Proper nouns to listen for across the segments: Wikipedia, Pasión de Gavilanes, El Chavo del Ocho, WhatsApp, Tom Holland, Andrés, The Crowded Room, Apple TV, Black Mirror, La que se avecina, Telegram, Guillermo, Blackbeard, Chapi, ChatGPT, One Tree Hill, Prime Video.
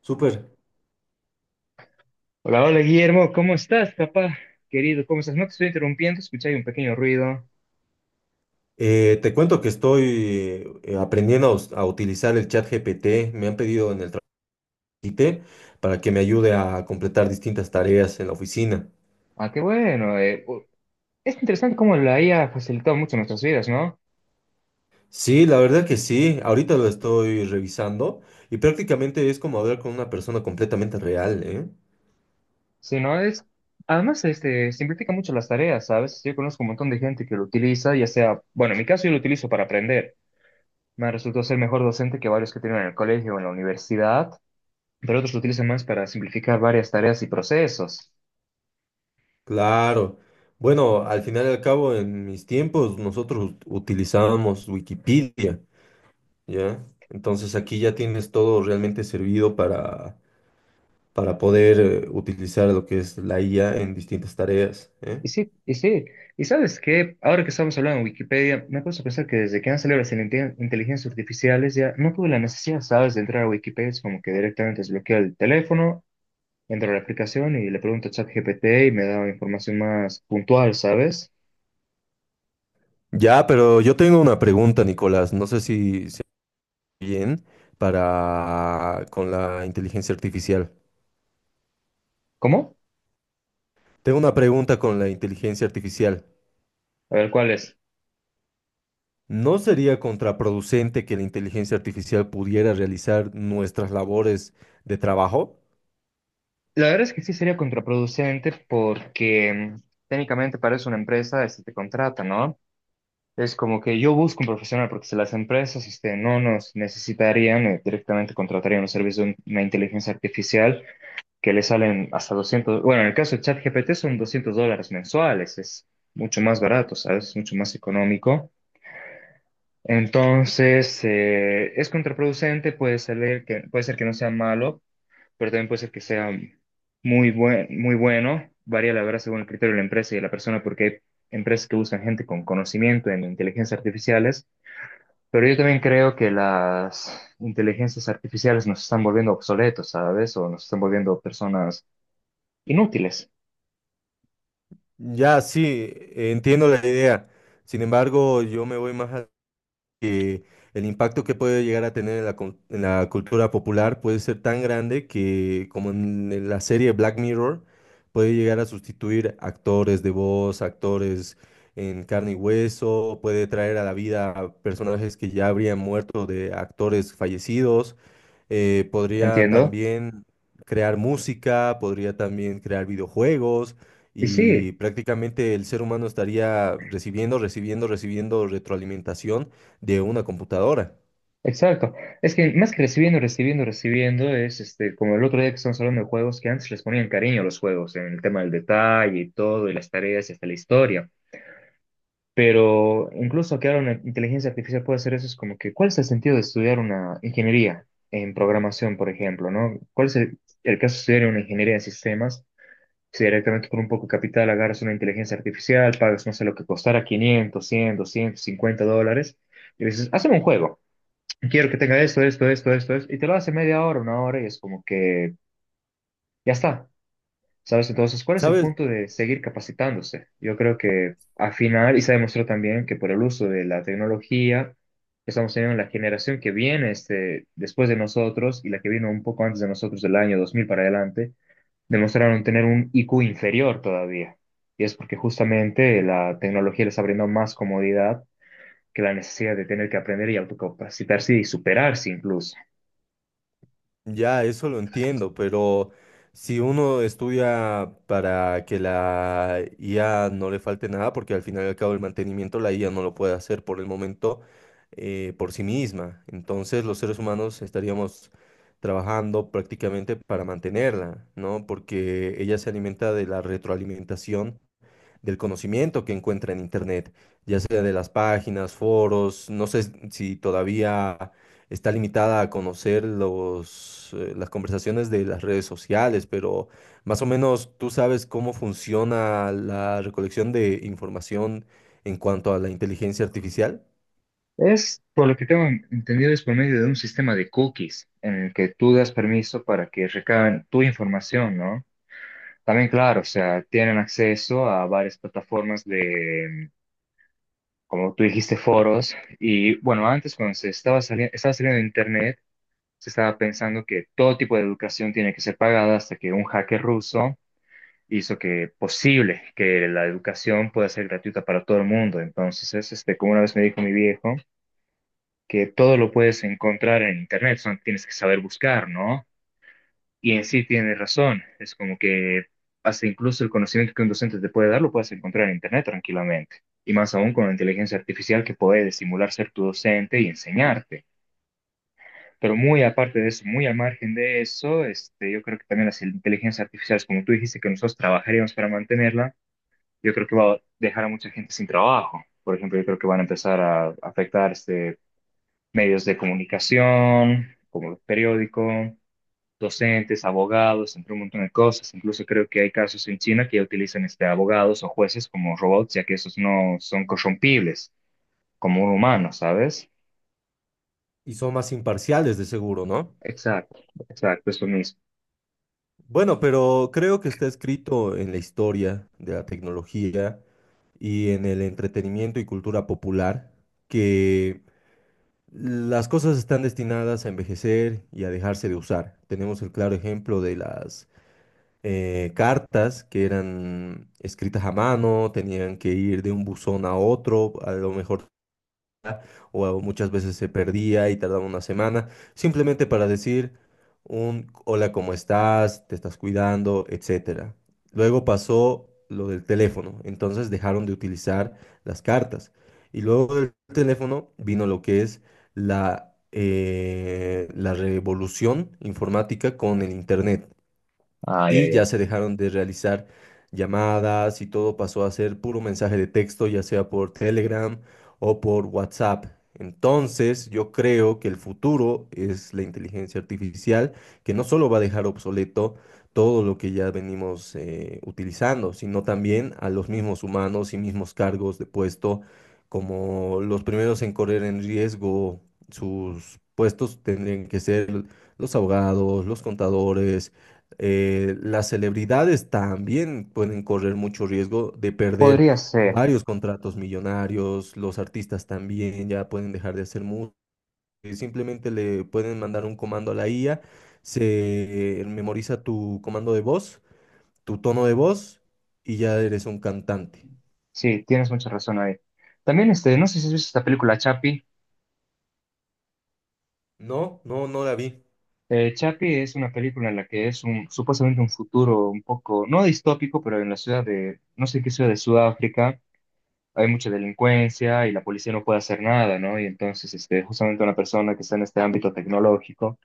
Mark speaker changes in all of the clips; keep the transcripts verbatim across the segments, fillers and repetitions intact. Speaker 1: Súper.
Speaker 2: Hola, hola Guillermo, ¿cómo estás, papá? Querido, ¿cómo estás? No te estoy interrumpiendo, escuché ahí un pequeño ruido.
Speaker 1: Eh, te cuento que estoy eh, aprendiendo a, us- a utilizar el chat G P T. Me han pedido en el trabajo para que me ayude a completar distintas tareas en la oficina.
Speaker 2: Ah, qué bueno. eh, u- es interesante cómo la I A ha facilitado mucho nuestras vidas, ¿no?
Speaker 1: Sí, la verdad que sí. Ahorita lo estoy revisando y prácticamente es como hablar con una persona completamente real, ¿eh?
Speaker 2: Si no es, además, este, simplifica mucho las tareas, ¿sabes? Yo conozco un montón de gente que lo utiliza, ya sea, bueno, en mi caso yo lo utilizo para aprender. Me resultó ser mejor docente que varios que tienen en el colegio o en la universidad, pero otros lo utilizan más para simplificar varias tareas y procesos.
Speaker 1: Claro. Bueno, al final y al cabo, en mis tiempos nosotros ut- utilizábamos Wikipedia, ¿ya? Entonces aquí ya tienes todo realmente servido para para poder eh, utilizar lo que es la I A en distintas tareas, ¿eh?
Speaker 2: Y sí, y sí. Y sabes que ahora que estamos hablando de Wikipedia, me puse a pensar que desde que han salido las inte- inteligencias artificiales ya no tuve la necesidad, ¿sabes?, de entrar a Wikipedia. Es como que directamente desbloqueo el teléfono, entro a la aplicación y le pregunto a ChatGPT y me da información más puntual, ¿sabes?
Speaker 1: Ya, pero yo tengo una pregunta, Nicolás. No sé si se bien para con la inteligencia artificial.
Speaker 2: ¿Cómo?
Speaker 1: Tengo una pregunta con la inteligencia artificial.
Speaker 2: A ver, ¿cuál es?
Speaker 1: ¿No sería contraproducente que la inteligencia artificial pudiera realizar nuestras labores de trabajo?
Speaker 2: La verdad es que sí sería contraproducente porque mm, técnicamente para eso una empresa este, te contrata, ¿no? Es como que yo busco un profesional porque si las empresas este, no nos necesitarían, eh, directamente contratarían un servicio de una inteligencia artificial que le salen hasta doscientos, bueno, en el caso de ChatGPT son doscientos dólares mensuales, es mucho más barato, ¿sabes? Es mucho más económico. Entonces, eh, es contraproducente, puede ser que, puede ser que no sea malo, pero también puede ser que sea muy buen, muy bueno. Varía la verdad según el criterio de la empresa y de la persona porque hay empresas que usan gente con conocimiento en inteligencias artificiales, pero yo también creo que las inteligencias artificiales nos están volviendo obsoletos, ¿sabes? O nos están volviendo personas inútiles,
Speaker 1: Ya, sí, entiendo la idea. Sin embargo, yo me voy más que el impacto que puede llegar a tener en la, cul- en la cultura popular puede ser tan grande que, como en la serie Black Mirror, puede llegar a sustituir actores de voz, actores en carne y hueso, puede traer a la vida a personajes que ya habrían muerto de actores fallecidos, eh, podría
Speaker 2: ¿entiendo?
Speaker 1: también crear música, podría también crear videojuegos.
Speaker 2: Y sí,
Speaker 1: Y prácticamente el ser humano estaría recibiendo, recibiendo, recibiendo retroalimentación de una computadora.
Speaker 2: exacto. Es que más que recibiendo, recibiendo, recibiendo, es este, como el otro día que estamos hablando de juegos, que antes les ponían cariño a los juegos, en el tema del detalle y todo, y las tareas y hasta la historia. Pero incluso que ahora una inteligencia artificial puede hacer eso, es como que, ¿cuál es el sentido de estudiar una ingeniería en programación, por ejemplo, ¿no? ¿Cuál es el, el caso de estudiar una ingeniería en sistemas? Si directamente con un poco de capital agarras una inteligencia artificial, pagas, no sé, lo que costara quinientos, cien, doscientos cincuenta dólares, y dices, hazme un juego, quiero que tenga esto, esto, esto, esto, esto, y te lo hace media hora, una hora, y es como que ya está. ¿Sabes? Entonces, ¿cuál es el
Speaker 1: ¿Sabes?
Speaker 2: punto de seguir capacitándose? Yo creo que al final, y se ha demostrado también que por el uso de la tecnología, estamos teniendo la generación que viene este, después de nosotros y la que vino un poco antes de nosotros del año dos mil para adelante, demostraron tener un I Q inferior todavía. Y es porque justamente la tecnología les está brindando más comodidad que la necesidad de tener que aprender y autocapacitarse y superarse incluso.
Speaker 1: Ya eso lo entiendo, pero si uno estudia para que la I A no le falte nada, porque al final y al cabo el mantenimiento la I A no lo puede hacer por el momento eh, por sí misma. Entonces los seres humanos estaríamos trabajando prácticamente para mantenerla, ¿no? Porque ella se alimenta de la retroalimentación del conocimiento que encuentra en Internet, ya sea de las páginas, foros, no sé si todavía está limitada a conocer los, eh, las conversaciones de las redes sociales, pero más o menos tú sabes cómo funciona la recolección de información en cuanto a la inteligencia artificial.
Speaker 2: Es, por lo que tengo entendido, es por medio de un sistema de cookies en el que tú das permiso para que recaben tu información, ¿no? También, claro, o sea, tienen acceso a varias plataformas de, como tú dijiste, foros. Y bueno, antes cuando se estaba saliendo, estaba saliendo de Internet, se estaba pensando que todo tipo de educación tiene que ser pagada hasta que un hacker ruso hizo que posible que la educación pueda ser gratuita para todo el mundo. Entonces, es, este, como una vez me dijo mi viejo, que todo lo puedes encontrar en internet, solo tienes que saber buscar, ¿no? Y en sí tiene razón, es como que hasta incluso el conocimiento que un docente te puede dar lo puedes encontrar en internet tranquilamente. Y más aún con la inteligencia artificial que puede simular ser tu docente y enseñarte. Pero muy aparte de eso, muy al margen de eso, este, yo creo que también las inteligencias artificiales, como tú dijiste, que nosotros trabajaríamos para mantenerla, yo creo que va a dejar a mucha gente sin trabajo. Por ejemplo, yo creo que van a empezar a afectar este, medios de comunicación, como los periódicos, docentes, abogados, entre un montón de cosas. Incluso creo que hay casos en China que ya utilizan este, abogados o jueces como robots, ya que esos no son corrompibles como un humano, ¿sabes?
Speaker 1: Y son más imparciales de seguro, ¿no?
Speaker 2: Exacto, exacto, eso mismo.
Speaker 1: Bueno, pero creo que está escrito en la historia de la tecnología y en el entretenimiento y cultura popular que las cosas están destinadas a envejecer y a dejarse de usar. Tenemos el claro ejemplo de las eh, cartas que eran escritas a mano, tenían que ir de un buzón a otro, a lo mejor o muchas veces se perdía y tardaba una semana, simplemente para decir un hola, ¿cómo estás? ¿Te estás cuidando? Etcétera. Luego pasó lo del teléfono, entonces dejaron de utilizar las cartas. Y luego del teléfono vino lo que es la, eh, la revolución informática con el internet
Speaker 2: Ay,
Speaker 1: y
Speaker 2: ay, ay.
Speaker 1: ya se dejaron de realizar llamadas y todo pasó a ser puro mensaje de texto, ya sea por Telegram o por WhatsApp. Entonces, yo creo que el futuro es la inteligencia artificial, que no solo va a dejar obsoleto todo lo que ya venimos eh, utilizando, sino también a los mismos humanos y mismos cargos de puesto, como los primeros en correr en riesgo sus puestos tendrían que ser los abogados, los contadores, eh, las celebridades también pueden correr mucho riesgo de perder
Speaker 2: Podría ser.
Speaker 1: varios contratos millonarios, los artistas también ya pueden dejar de hacer música, simplemente le pueden mandar un comando a la I A, se memoriza tu comando de voz, tu tono de voz y ya eres un cantante.
Speaker 2: Sí, tienes mucha razón ahí. También, este, no sé si has visto esta película Chapi.
Speaker 1: No, no, no la vi.
Speaker 2: Eh, Chapi es una película en la que es un, supuestamente un futuro un poco, no distópico, pero en la ciudad de, no sé qué ciudad de Sudáfrica, hay mucha delincuencia y la policía no puede hacer nada, ¿no? Y entonces, este, justamente una persona que está en este ámbito tecnológico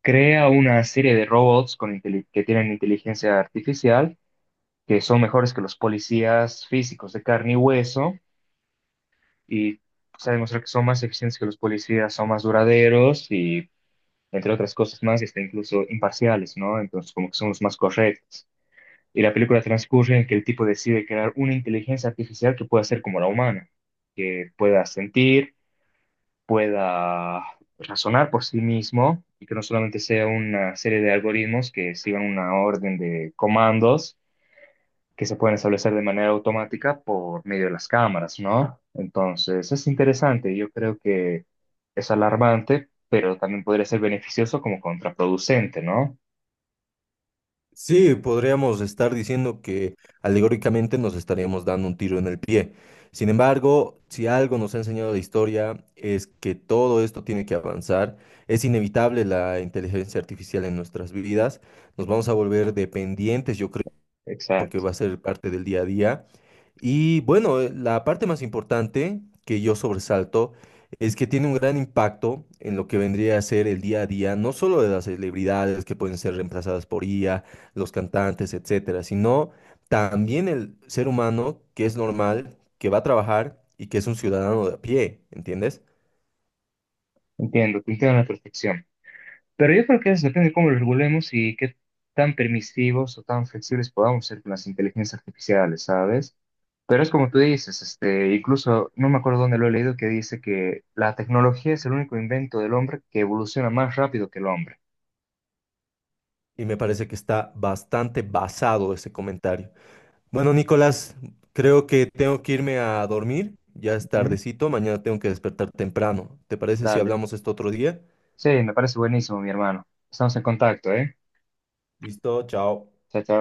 Speaker 2: crea una serie de robots con inteli- que tienen inteligencia artificial, que son mejores que los policías físicos de carne y hueso y se ha demostrado que son más eficientes que los policías, son más duraderos y, entre otras cosas más, y hasta incluso imparciales, ¿no? Entonces, como que son los más correctos. Y la película transcurre en que el tipo decide crear una inteligencia artificial que pueda ser como la humana, que pueda sentir, pueda razonar por sí mismo y que no solamente sea una serie de algoritmos que sigan una orden de comandos que se pueden establecer de manera automática por medio de las cámaras, ¿no? Entonces, es interesante, yo creo que es alarmante, pero también podría ser beneficioso como contraproducente, ¿no?
Speaker 1: Sí, podríamos estar diciendo que alegóricamente nos estaríamos dando un tiro en el pie. Sin embargo, si algo nos ha enseñado la historia es que todo esto tiene que avanzar. Es inevitable la inteligencia artificial en nuestras vidas. Nos vamos a volver dependientes, yo creo, porque
Speaker 2: Exacto,
Speaker 1: va a ser parte del día a día. Y bueno, eh, la parte más importante que yo sobresalto es que tiene un gran impacto en lo que vendría a ser el día a día, no solo de las celebridades que pueden ser reemplazadas por I A, los cantantes, etcétera, sino también el ser humano que es normal, que va a trabajar y que es un ciudadano de a pie, ¿entiendes?
Speaker 2: entiendo, te entiendo a la perfección. Pero yo creo que eso depende de cómo lo regulemos y qué tan permisivos o tan flexibles podamos ser con las inteligencias artificiales, ¿sabes? Pero es como tú dices, este, incluso no me acuerdo dónde lo he leído que dice que la tecnología es el único invento del hombre que evoluciona más rápido que el hombre.
Speaker 1: Y me parece que está bastante basado ese comentario. Bueno, Nicolás, creo que tengo que irme a dormir. Ya es
Speaker 2: Ujú.
Speaker 1: tardecito, mañana tengo que despertar temprano. ¿Te parece si
Speaker 2: Dale.
Speaker 1: hablamos esto otro día?
Speaker 2: Sí, me parece buenísimo, mi hermano. Estamos en contacto, ¿eh?
Speaker 1: Listo, chao.
Speaker 2: Chao, chao.